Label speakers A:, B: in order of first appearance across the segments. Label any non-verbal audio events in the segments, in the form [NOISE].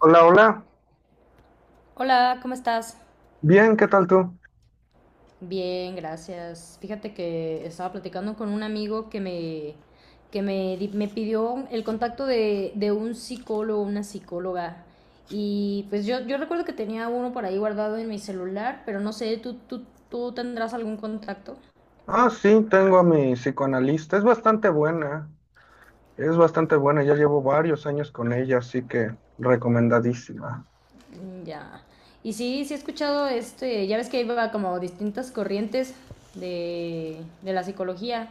A: Hola, hola.
B: Hola, ¿cómo estás?
A: Bien, ¿qué tal tú?
B: Bien, gracias. Fíjate que estaba platicando con un amigo que me pidió el contacto de un psicólogo, una psicóloga. Y pues yo recuerdo que tenía uno por ahí guardado en mi celular, pero no sé, ¿tú tendrás algún contacto?
A: Ah, sí, tengo a mi psicoanalista. Es bastante buena. Es bastante buena. Ya llevo varios años con ella, así que recomendadísima.
B: Mm. Ya. Y sí, sí he escuchado ya ves que como distintas corrientes de, de la psicología.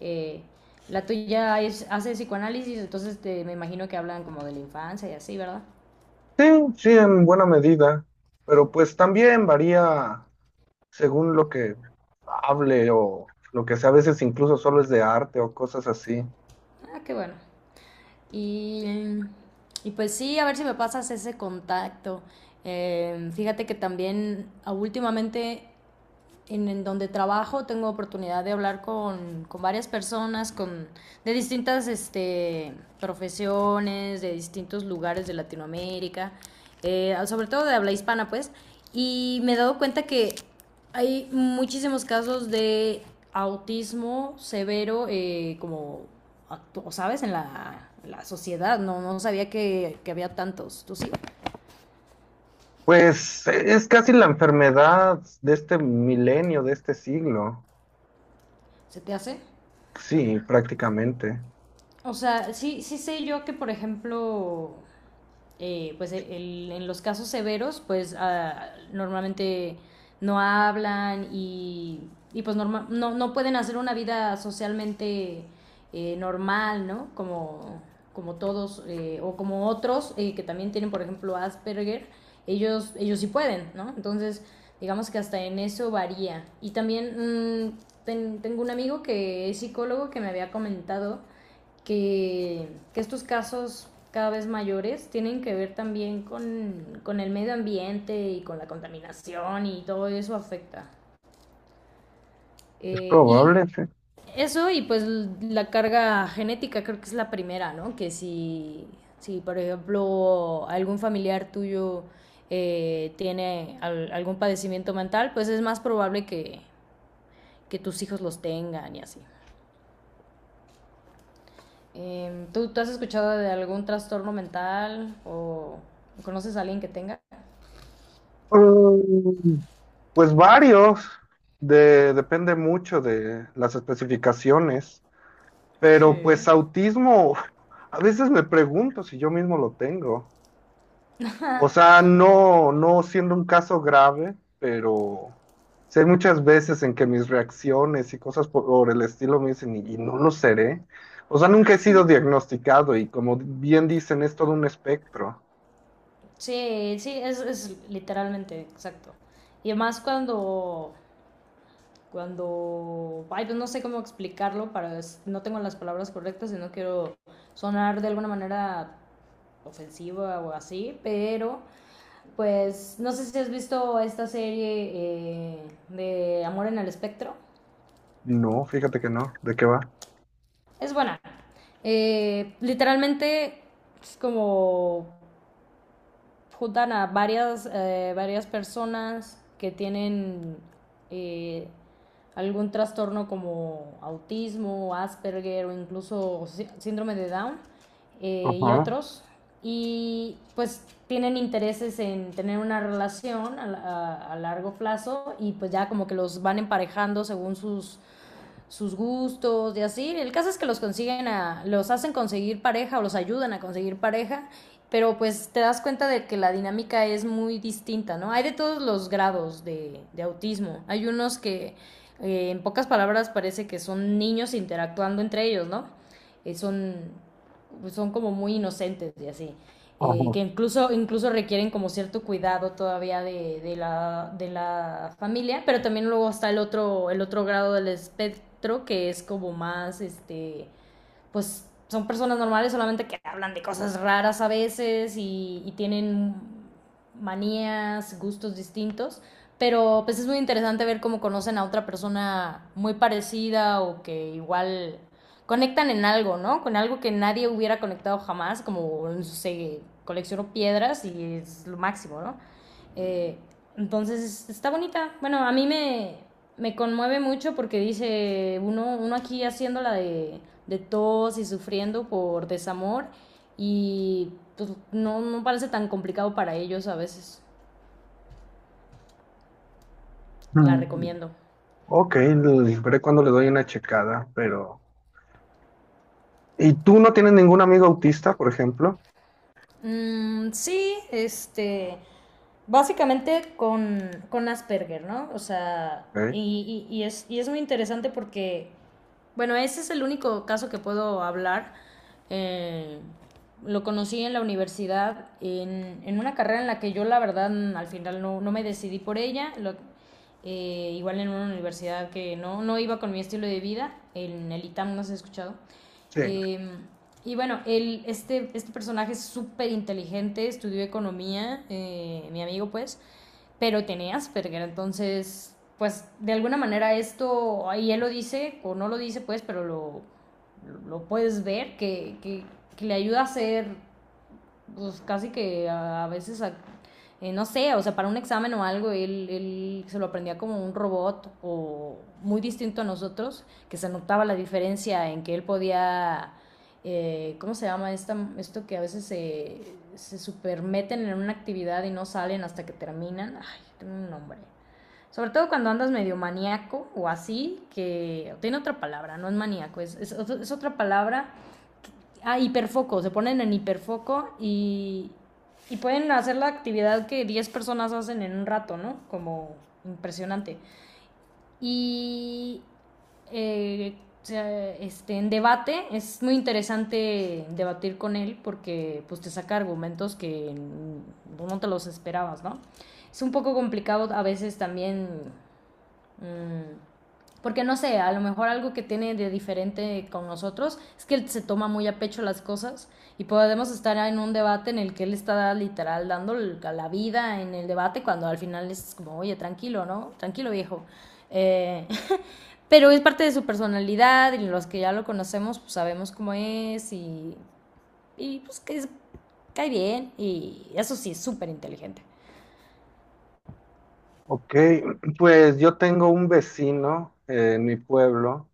B: Eh, la tuya es, hace psicoanálisis, entonces me imagino que hablan como de la infancia y así, ¿verdad?
A: Sí, sí, en buena medida. Pero pues también varía según lo que hable o lo que sea. A veces incluso solo es de arte o cosas así.
B: Ah, qué bueno. Y, y pues sí, a ver si me pasas ese contacto. Fíjate que también últimamente en donde trabajo tengo oportunidad de hablar con varias personas de distintas profesiones, de distintos lugares de Latinoamérica, sobre todo de habla hispana, pues, y me he dado cuenta que hay muchísimos casos de autismo severo, ¿sabes? En la sociedad, no sabía que había tantos. ¿Tú sí?
A: Pues es casi la enfermedad de este milenio, de este siglo.
B: ¿Se te hace?
A: Sí, prácticamente.
B: O sea, sí, sí sé yo que, por ejemplo, en los casos severos, pues normalmente no hablan y pues norma, no, no pueden hacer una vida socialmente normal, ¿no? Como, como todos o como otros que también tienen, por ejemplo, Asperger, ellos sí pueden, ¿no? Entonces, digamos que hasta en eso varía. Y también mmm, tengo un amigo que es psicólogo que me había comentado que, que estos casos cada vez mayores tienen que ver también con el medio ambiente y con la contaminación y todo eso afecta.
A: Es
B: Eh,
A: probable,
B: y
A: sí.
B: eso y pues la carga genética creo que es la primera, ¿no? Que si, Si por ejemplo algún familiar tuyo algún padecimiento mental, pues es más probable que tus hijos los tengan y así. ¿Tú has escuchado de algún trastorno mental o conoces a alguien que tenga?
A: Mm, pues varios, depende mucho de las especificaciones, pero
B: Sí.
A: pues autismo, [LAUGHS] a veces me pregunto si yo mismo lo tengo. O sea, no, no siendo un caso grave, pero sí hay muchas veces en que mis reacciones y cosas por el estilo me dicen, y no lo seré. O sea, nunca he sido diagnosticado y como bien dicen, es todo un espectro.
B: Sí, sí, es literalmente, exacto. Y además cuando ay, pues no sé cómo explicarlo, no tengo las palabras correctas y no quiero sonar de alguna manera ofensiva o así, pero pues no sé si has visto esta serie de Amor en el Espectro.
A: No, fíjate que no. ¿De qué va?
B: Es buena. Literalmente es como juntan a varias personas que tienen eh, algún trastorno como autismo, Asperger o incluso síndrome de Down, y
A: Ajá,
B: otros. Y pues tienen intereses en tener una relación a largo plazo y pues ya como que los van emparejando según sus gustos y así. El caso es que los hacen conseguir pareja o los ayudan a conseguir pareja, pero pues te das cuenta de que la dinámica es muy distinta, ¿no? Hay de todos los grados de autismo. Hay unos que, en pocas palabras, parece que son niños interactuando entre ellos, ¿no? Eh, son, Son como muy inocentes y así, incluso requieren como cierto cuidado todavía de la familia, pero también luego está el otro grado del espectro que es como más, pues son personas normales, solamente que hablan de cosas raras a veces y tienen manías, gustos distintos. Pero pues es muy interesante ver cómo conocen a otra persona muy parecida o que igual conectan en algo, ¿no? Con algo que nadie hubiera conectado jamás, como no sé, colecciono piedras y es lo máximo, ¿no? Eh, entonces, está bonita. Bueno, me conmueve mucho porque dice uno, uno aquí haciendo la de tos y sufriendo por desamor y pues no, no parece tan complicado para ellos a veces.
A: ajá.
B: La recomiendo.
A: Ok, veré cuando le doy una checada, pero... ¿Y tú no tienes ningún amigo autista, por ejemplo?
B: Mm, sí, básicamente con Asperger, ¿no? O sea,
A: Ok,
B: y es muy interesante porque, bueno, ese es el único caso que puedo hablar. Eh, lo conocí en la universidad, en una carrera en la que yo la verdad al final no me decidí por ella, igual en una universidad que no iba con mi estilo de vida, en el ITAM no has escuchado.
A: sí.
B: Eh, este personaje es súper inteligente, estudió economía, mi amigo pues, pero tenía Asperger, entonces, pues de alguna manera esto, ahí él lo dice, o no lo dice pues, pero lo puedes ver, que le ayuda a ser pues casi que no sé, o sea, para un examen o algo, él se lo aprendía como un robot o muy distinto a nosotros, que se notaba la diferencia en que él podía, ¿cómo se llama esto que a veces se supermeten en una actividad y no salen hasta que terminan? Ay, tengo un nombre. Sobre todo cuando andas medio maníaco o así, que tiene otra palabra, no es maníaco, es otra palabra. Ah, hiperfoco, se ponen en hiperfoco y pueden hacer la actividad que 10 personas hacen en un rato, ¿no? Como impresionante. Y eh, en debate es muy interesante debatir con él porque pues, te saca argumentos que no te los esperabas, ¿no? Es un poco complicado a veces también… Mmm, Porque no sé, a lo mejor algo que tiene de diferente con nosotros es que él se toma muy a pecho las cosas y podemos estar en un debate en el que él está literal dando la vida en el debate cuando al final es como, oye, tranquilo, ¿no? Tranquilo viejo. Eh, [LAUGHS] pero es parte de su personalidad y los que ya lo conocemos pues sabemos cómo es y pues que es, cae bien y eso sí, es súper inteligente.
A: Ok, pues yo tengo un vecino en mi pueblo.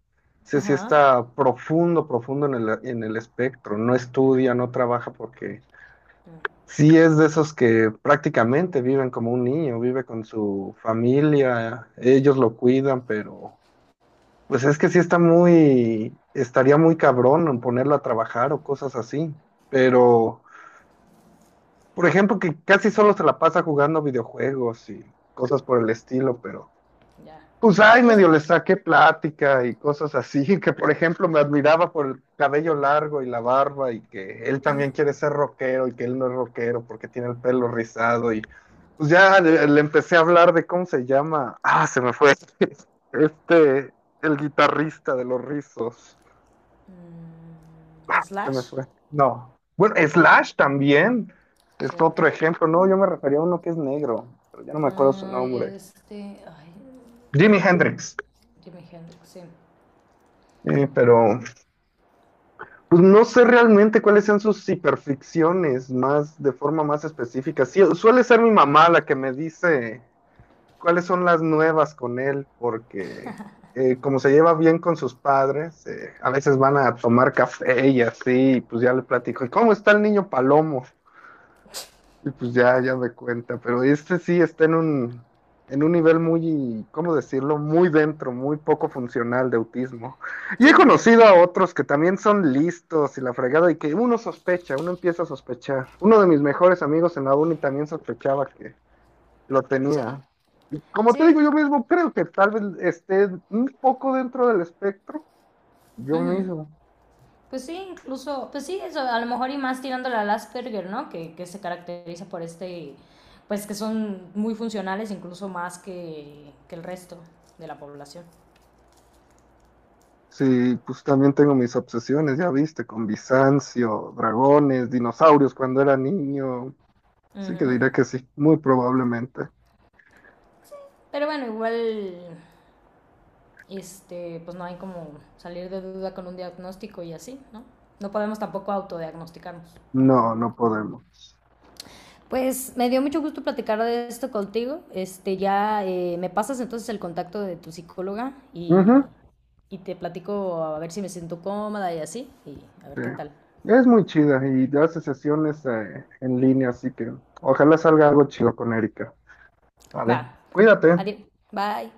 A: Ese sí
B: Ajá,
A: está profundo, profundo en el espectro. No estudia, no trabaja porque sí es de esos que prácticamente viven como un niño, vive con su familia, ellos lo cuidan, pero... Pues es que sí está muy, estaría muy cabrón en ponerlo a trabajar o cosas así. Pero, por ejemplo, que casi solo se la pasa jugando videojuegos y cosas por el estilo, pero
B: ya.
A: pues ay,
B: ¿Y eso?
A: medio le saqué plática y cosas así, [LAUGHS] que por ejemplo me admiraba por el cabello largo y la barba y que él también quiere ser rockero y que él no es rockero porque tiene el pelo rizado y pues ya le empecé a hablar de cómo se llama, ah, se me fue, [LAUGHS] este, el guitarrista de los rizos.
B: Mm,
A: Se me
B: ¿Slash?
A: fue. No. Bueno, Slash también. Es
B: Sí.
A: otro ejemplo. No, yo me refería a uno que es negro, pero ya no me acuerdo su
B: Ay,
A: nombre.
B: este. Ay,
A: Jimi Hendrix.
B: Jimi Hendrix, sí.
A: Pero pues no sé realmente cuáles sean sus hiperficciones más de forma más específica. Sí, suele ser mi mamá la que me dice cuáles son las nuevas con él, porque como se lleva bien con sus padres, a veces van a tomar café y así, y pues ya le platico, ¿y cómo está el niño Palomo? Y pues ya, ya me cuenta, pero este sí está en un nivel muy, ¿cómo decirlo? Muy dentro, muy poco funcional de autismo. Y he
B: Sí.
A: conocido a otros que también son listos y la fregada y que uno sospecha, uno empieza a sospechar. Uno de mis mejores amigos en la uni también sospechaba que lo
B: Sí.
A: tenía. Y como te
B: Sí.
A: digo, yo mismo creo que tal vez esté un poco dentro del espectro, yo
B: Ujú.
A: mismo.
B: Pues sí, incluso. Pues sí, eso, a lo mejor y más tirándole al Asperger, ¿no? Que se caracteriza por este. Pues que son muy funcionales, incluso más que el resto de la población.
A: Sí, pues también tengo mis obsesiones, ya viste, con Bizancio, dragones, dinosaurios cuando era niño. Así que
B: Ujú.
A: diré que sí, muy probablemente.
B: Pero bueno, igual. Este, pues no hay como salir de duda con un diagnóstico y así, ¿no? No podemos tampoco autodiagnosticarnos.
A: No, no podemos.
B: Pues me dio mucho gusto platicar de esto contigo. Me pasas entonces el contacto de tu psicóloga
A: Ujú,
B: y te platico a ver si me siento cómoda y así, y a
A: sí.
B: ver qué tal.
A: Es muy chida y hace sesiones en línea, así que ojalá salga algo chido con Erika.
B: Va,
A: Vale, cuídate.
B: adiós, bye.